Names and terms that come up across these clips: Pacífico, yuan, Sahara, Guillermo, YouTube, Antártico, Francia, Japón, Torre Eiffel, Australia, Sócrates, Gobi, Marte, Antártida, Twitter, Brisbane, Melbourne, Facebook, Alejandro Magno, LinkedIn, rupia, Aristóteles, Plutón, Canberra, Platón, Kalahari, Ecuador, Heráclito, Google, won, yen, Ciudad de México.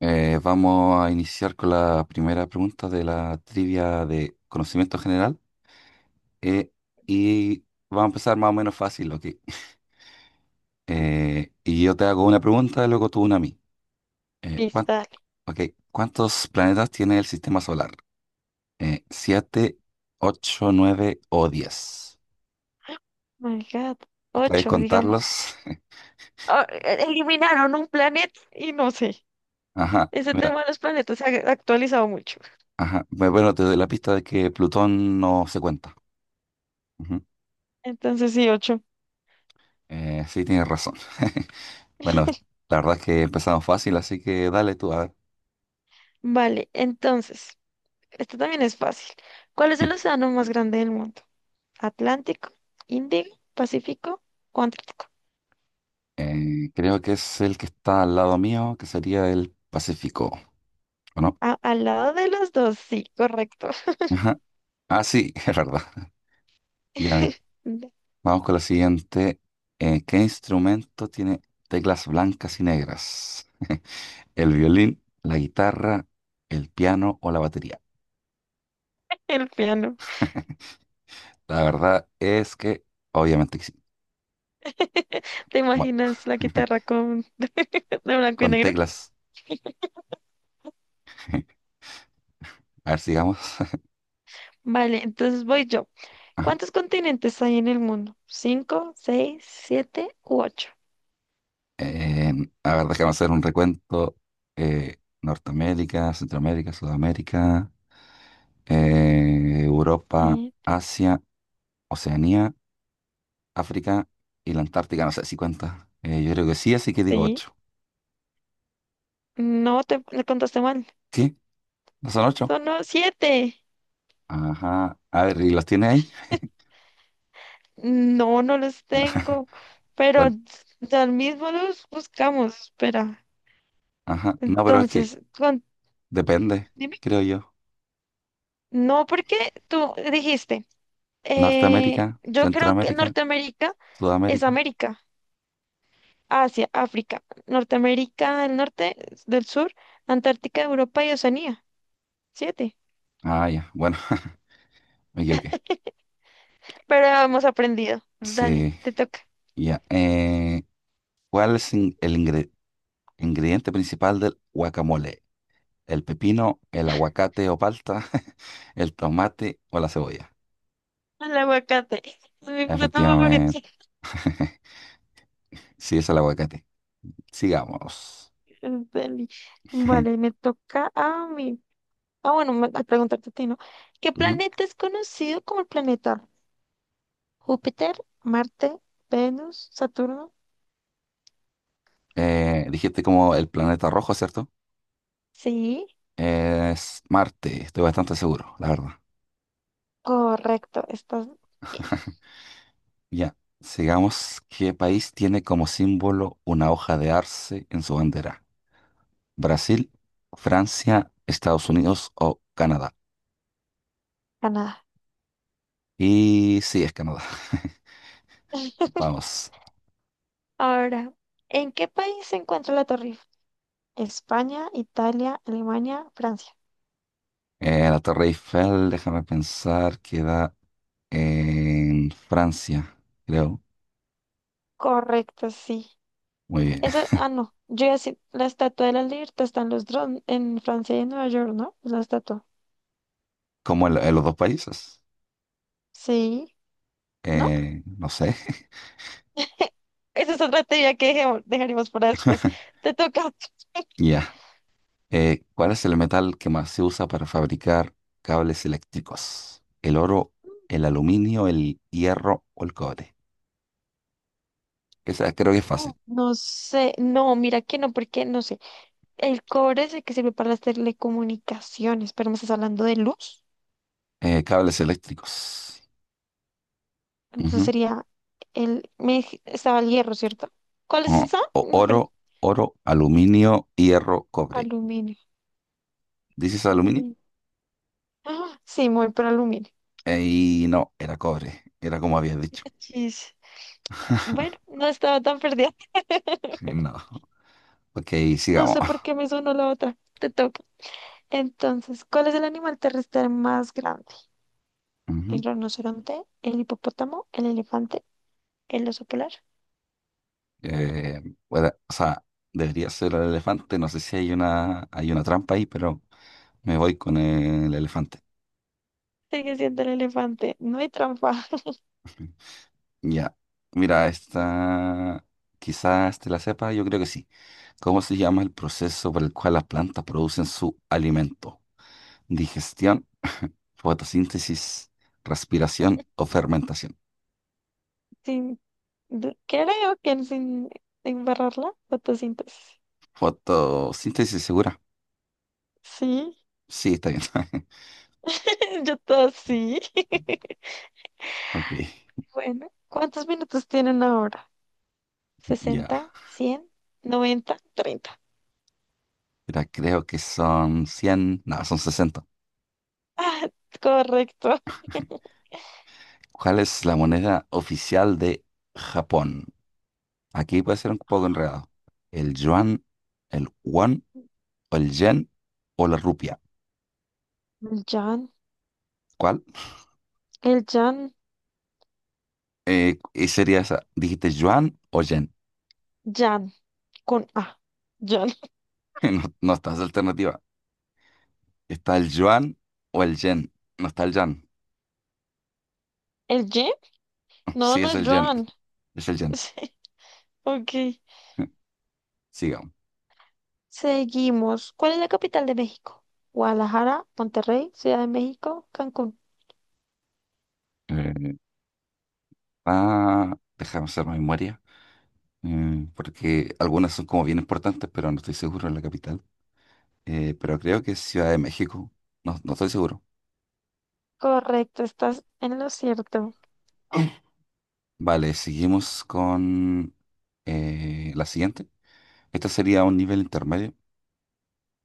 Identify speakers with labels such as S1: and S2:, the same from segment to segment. S1: Vamos a iniciar con la primera pregunta de la trivia de conocimiento general. eh, y va a empezar más o menos fácil, ok. Y yo te hago una pregunta, y luego tú una a mí. Eh, ¿cuán-
S2: Cristal.
S1: ok, ¿Cuántos planetas tiene el sistema solar? ¿Siete, ocho, nueve o 10?
S2: Oh my God.
S1: ¿Puedes
S2: Ocho, digamos.
S1: contarlos?
S2: Eliminaron un planeta y no sé.
S1: Ajá,
S2: Ese
S1: mira,
S2: tema de los planetas se ha actualizado mucho.
S1: ajá. Bueno, te doy la pista de que Plutón no se cuenta. Ujú.
S2: Entonces sí, ocho.
S1: Sí, tienes razón. Bueno, la verdad es que empezamos fácil, así que dale tú, a ver.
S2: Vale, entonces, esto también es fácil. ¿Cuál es el océano más grande del mundo? ¿Atlántico, Índico, Pacífico o Antártico?
S1: Creo que es el que está al lado mío, que sería el Pacífico, ¿o no?
S2: Al lado de los dos, sí, correcto.
S1: Ajá. Ah, sí, es verdad. Ya, mira, vamos con la siguiente. ¿Qué instrumento tiene teclas blancas y negras? ¿El violín, la guitarra, el piano o la batería?
S2: El piano.
S1: La verdad es que, obviamente que sí.
S2: ¿Te
S1: Bueno,
S2: imaginas la guitarra con de blanco y
S1: con
S2: negro?
S1: teclas. A ver, sigamos.
S2: Vale, entonces voy yo. ¿Cuántos continentes hay en el mundo? ¿Cinco, seis, siete u ocho?
S1: Eh, a ver, déjame hacer un recuento. Norteamérica, Centroamérica, Sudamérica, Europa,
S2: Eh,
S1: Asia, Oceanía, África y la Antártica. No sé si cuenta. Yo creo que sí, así que digo
S2: sí.
S1: ocho.
S2: No, le contaste mal.
S1: ¿Sí? ¿No son ocho?
S2: Son no, siete.
S1: Ajá. A ver, ¿y los tiene ahí?
S2: No, no los tengo. Pero
S1: Bueno,
S2: al mismo los buscamos. Espera.
S1: ajá. No, pero es que
S2: Entonces,
S1: depende,
S2: dime.
S1: creo yo.
S2: No, porque tú dijiste,
S1: Norteamérica,
S2: yo creo que
S1: Centroamérica,
S2: Norteamérica es
S1: Sudamérica.
S2: América, Asia, África, Norteamérica del norte, del sur, Antártica, Europa y Oceanía. Siete.
S1: Ah, ya. Bueno, me equivoqué.
S2: Pero hemos aprendido. Dale,
S1: Sí,
S2: te toca.
S1: ya. ¿Cuál es el ingrediente? Ingrediente principal del guacamole. El pepino, el aguacate o palta, el tomate o la cebolla.
S2: El aguacate. Es mi fruta
S1: Efectivamente.
S2: favorita.
S1: Sí, es el aguacate. Sigamos.
S2: Dale. Vale, me toca a mí. Ah, bueno, a preguntarte a ti, ¿no? ¿Qué
S1: Ujú.
S2: planeta es conocido como el planeta? ¿Júpiter, Marte, Venus, Saturno?
S1: Dijiste como el planeta rojo, ¿cierto?
S2: Sí,
S1: Es Marte, estoy bastante seguro, la verdad.
S2: correcto. Estás bien.
S1: Ya, sigamos. ¿Qué país tiene como símbolo una hoja de arce en su bandera? ¿Brasil, Francia, Estados Unidos o Canadá?
S2: Ganada.
S1: Y sí, es Canadá. Vamos.
S2: Ahora, ¿en qué país se encuentra la Torre Eiffel? España, Italia, Alemania, Francia.
S1: La Torre Eiffel, déjame pensar, queda en Francia, creo.
S2: Correcto, sí.
S1: Muy bien.
S2: Esa, ah, no. Yo ya sé, la Estatua de la Libertad está en los drones, en Francia y en Nueva York, ¿no? Es la estatua.
S1: ¿Cómo en los dos países?
S2: Sí, ¿no?
S1: No sé.
S2: Esa es otra teoría que dejaremos para después. Te toca.
S1: Ya. ¿Cuál es el metal que más se usa para fabricar cables eléctricos? ¿El oro, el aluminio, el hierro o el cobre? Esa creo que es
S2: Oh,
S1: fácil.
S2: no sé, no, mira que no, porque no sé. El cobre es el que sirve para las telecomunicaciones, pero me estás hablando de luz.
S1: Cables eléctricos.
S2: Entonces
S1: Ujú.
S2: sería el. Estaba el hierro, ¿cierto? ¿Cuál es
S1: O-
S2: esa?
S1: o-
S2: Me perdí.
S1: oro, oro, aluminio, hierro, cobre.
S2: Aluminio.
S1: ¿Dices aluminio?
S2: Aluminio. Ah, sí, muy por aluminio.
S1: Y no, era cobre, era como habías dicho.
S2: Chis. Bueno, no estaba tan perdida.
S1: No, ok,
S2: No sé
S1: sigamos.
S2: por qué me sonó la otra. Te toca. Entonces, ¿cuál es el animal terrestre más grande?
S1: Ujú.
S2: ¿El rinoceronte? ¿El hipopótamo? ¿El elefante? ¿El oso polar?
S1: Eh, bueno, o sea, debería ser el elefante, no sé si hay una trampa ahí, pero me voy con el elefante.
S2: Sigue siendo el elefante. No hay trampa.
S1: Ya, mira, esta quizás te la sepa, yo creo que sí. ¿Cómo se llama el proceso por el cual las plantas producen su alimento? Digestión, fotosíntesis, respiración o fermentación.
S2: Sin, du- Creo que sin embarrarla, fotosíntesis.
S1: Fotosíntesis segura.
S2: Sí,
S1: Sí, está bien.
S2: yo todo sí.
S1: Ok,
S2: Bueno, ¿cuántos minutos tienen ahora?
S1: ya.
S2: ¿60, 100, 90, 30?
S1: Mira, creo que son 100, no, son 60.
S2: Correcto.
S1: ¿Cuál es la moneda oficial de Japón? Aquí puede ser un poco enredado. ¿El yuan, el won o el yen o la rupia?
S2: El Jan.
S1: ¿Cuál?
S2: El Jan.
S1: Y sería esa. ¿Dijiste yuan o yen?
S2: Jan, con A. Jan.
S1: No, no está esa alternativa. ¿Está el yuan o el yen? No está el yan.
S2: ¿El Y? No,
S1: Sí,
S2: no
S1: es
S2: es
S1: el yen.
S2: Joan.
S1: Es el yen.
S2: Sí, ok.
S1: Sigamos.
S2: Seguimos. ¿Cuál es la capital de México? Guadalajara, Monterrey, Ciudad de México, Cancún.
S1: Eh, Déjame hacer más memoria, porque algunas son como bien importantes, pero no estoy seguro en la capital. Pero creo que es Ciudad de México. No, no estoy seguro.
S2: Correcto, estás en lo cierto.
S1: Vale, seguimos con la siguiente. Esta sería un nivel intermedio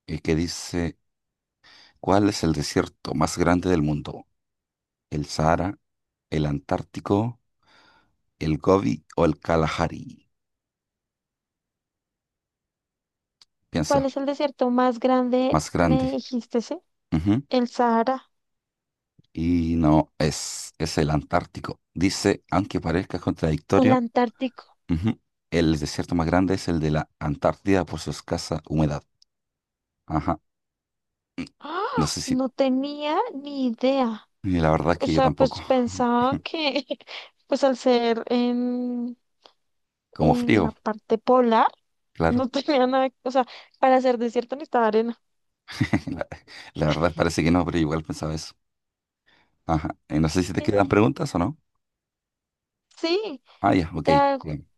S1: que dice, ¿cuál es el desierto más grande del mundo? ¿El Sahara, el Antártico, el Gobi o el Kalahari?
S2: ¿Cuál
S1: Piensa,
S2: es el desierto más grande?
S1: más grande.
S2: Me dijiste, ¿sí? El Sahara,
S1: Y no, es el Antártico. Dice, aunque parezca
S2: el
S1: contradictorio,
S2: Antártico.
S1: ujú, el desierto más grande es el de la Antártida por su escasa humedad. Ajá. No
S2: ¡Ah!
S1: sé si,
S2: No tenía ni idea.
S1: y la verdad es
S2: O
S1: que yo
S2: sea,
S1: tampoco.
S2: pues pensaba que, pues al ser en,
S1: Como
S2: en la
S1: frío,
S2: parte polar, no
S1: claro.
S2: tenía nada, o sea, para hacer desierto necesitaba arena.
S1: La, la verdad parece que no, pero igual pensaba eso. Ajá. No sé si te
S2: Eh,
S1: quedan preguntas o no.
S2: Sí.
S1: Ah, ya, ok.
S2: te hago-
S1: Bien.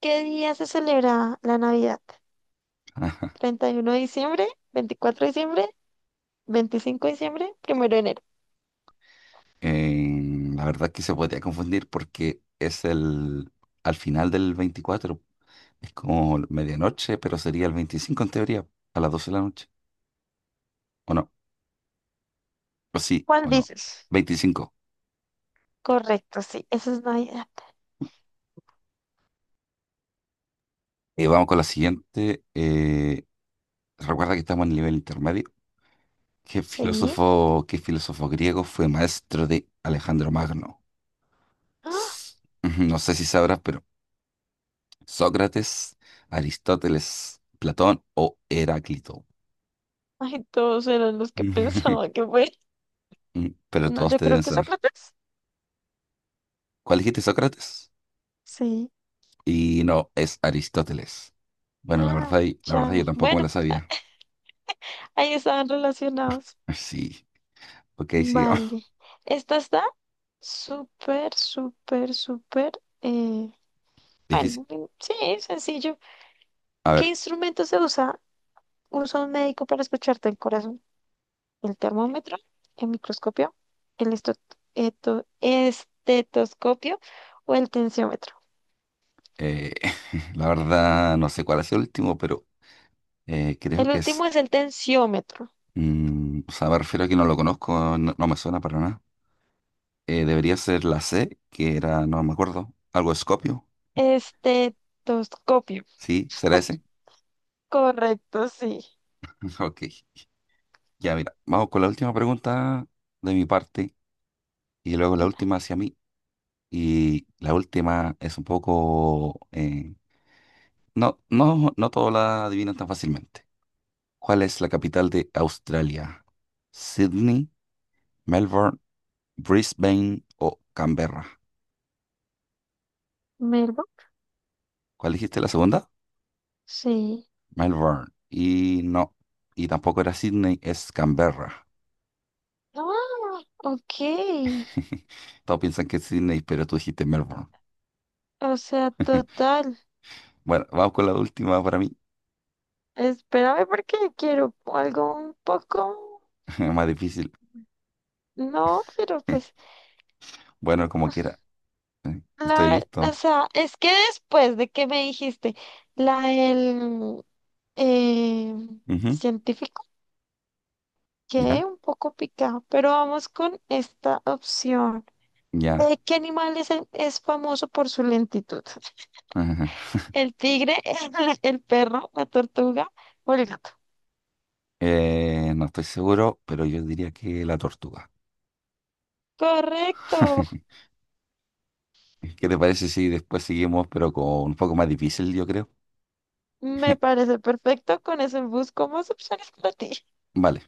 S2: ¿Qué día se celebra la Navidad?
S1: Ajá.
S2: ¿31 de diciembre? ¿24 de diciembre? ¿25 de diciembre? ¿Primero de enero?
S1: La verdad es que se podría confundir porque es el al final del 24. Es como medianoche, pero sería el 25 en teoría, a las 12 de la noche. ¿O no? ¿O sí?
S2: ¿Cuál
S1: ¿O no?
S2: dices?
S1: 25.
S2: Correcto, sí, eso es Navidad.
S1: Vamos con la siguiente. Recuerda que estamos en el nivel intermedio. ¿Qué
S2: Sí.
S1: filósofo, qué filósofo griego fue maestro de Alejandro Magno?
S2: ¡Ah!
S1: S- Ujú, no sé si sabrás, pero Sócrates, Aristóteles, Platón o Heráclito.
S2: Ay, todos eran los que pensaba que fue.
S1: Pero
S2: No,
S1: todos
S2: yo
S1: te
S2: creo
S1: deben
S2: que
S1: saber.
S2: Sócrates.
S1: ¿Cuál dijiste, Sócrates?
S2: Sí.
S1: Y no, es Aristóteles. Bueno, la
S2: Ah,
S1: verdad, la verdad yo
S2: Chagas.
S1: tampoco me
S2: Bueno,
S1: la sabía.
S2: ahí estaban relacionados.
S1: Sí, ok, sí.
S2: Vale. Esta está súper, súper, súper. eh,
S1: Difícil.
S2: Bueno, mm, sí, sencillo.
S1: A
S2: ¿Qué
S1: ver,
S2: instrumento se usa? Usa un médico para escucharte el corazón. El termómetro, el microscopio, el estetoscopio o el tensiómetro.
S1: eh, la verdad no sé cuál ha sido el último, pero creo
S2: El
S1: que es,
S2: último es el tensiómetro.
S1: o sea, me refiero a que no lo conozco, no, no me suena para nada. Debería ser la C, que era, no me acuerdo, algo Escopio.
S2: Estetoscopio.
S1: Sí, ¿será ese?
S2: Correcto, sí.
S1: Ok, ya mira, vamos con la última pregunta de mi parte y luego la última hacia mí. Y la última es un poco, no, no, no todos la adivinan tan fácilmente. ¿Cuál es la capital de Australia? ¿Sydney, Melbourne, Brisbane o Canberra?
S2: ¿Melbourne?
S1: ¿Cuál dijiste la segunda?
S2: Sí.
S1: Melbourne. Y no, y tampoco era Sydney, es Canberra.
S2: Ah, ok.
S1: Todos piensan que es Sydney, pero tú dijiste Melbourne.
S2: O sea, total.
S1: Bueno, vamos con la última para mí,
S2: Espérame porque quiero algo un poco.
S1: más difícil.
S2: No, pero pues.
S1: Bueno, como quiera, estoy
S2: O
S1: listo.
S2: sea, es que después de que me dijiste la del eh,
S1: Ujú,
S2: científico,
S1: ya,
S2: quedé un poco picado, pero vamos con esta opción.
S1: ya.
S2: ¿Qué animal es, es famoso por su lentitud? ¿El tigre, el perro, la tortuga o el gato?
S1: No estoy seguro, pero yo diría que la tortuga.
S2: Correcto,
S1: ¿Qué te parece si después seguimos, pero con un poco más difícil, yo creo?
S2: me parece perfecto. Con eso busco más opciones para ti.
S1: Vale.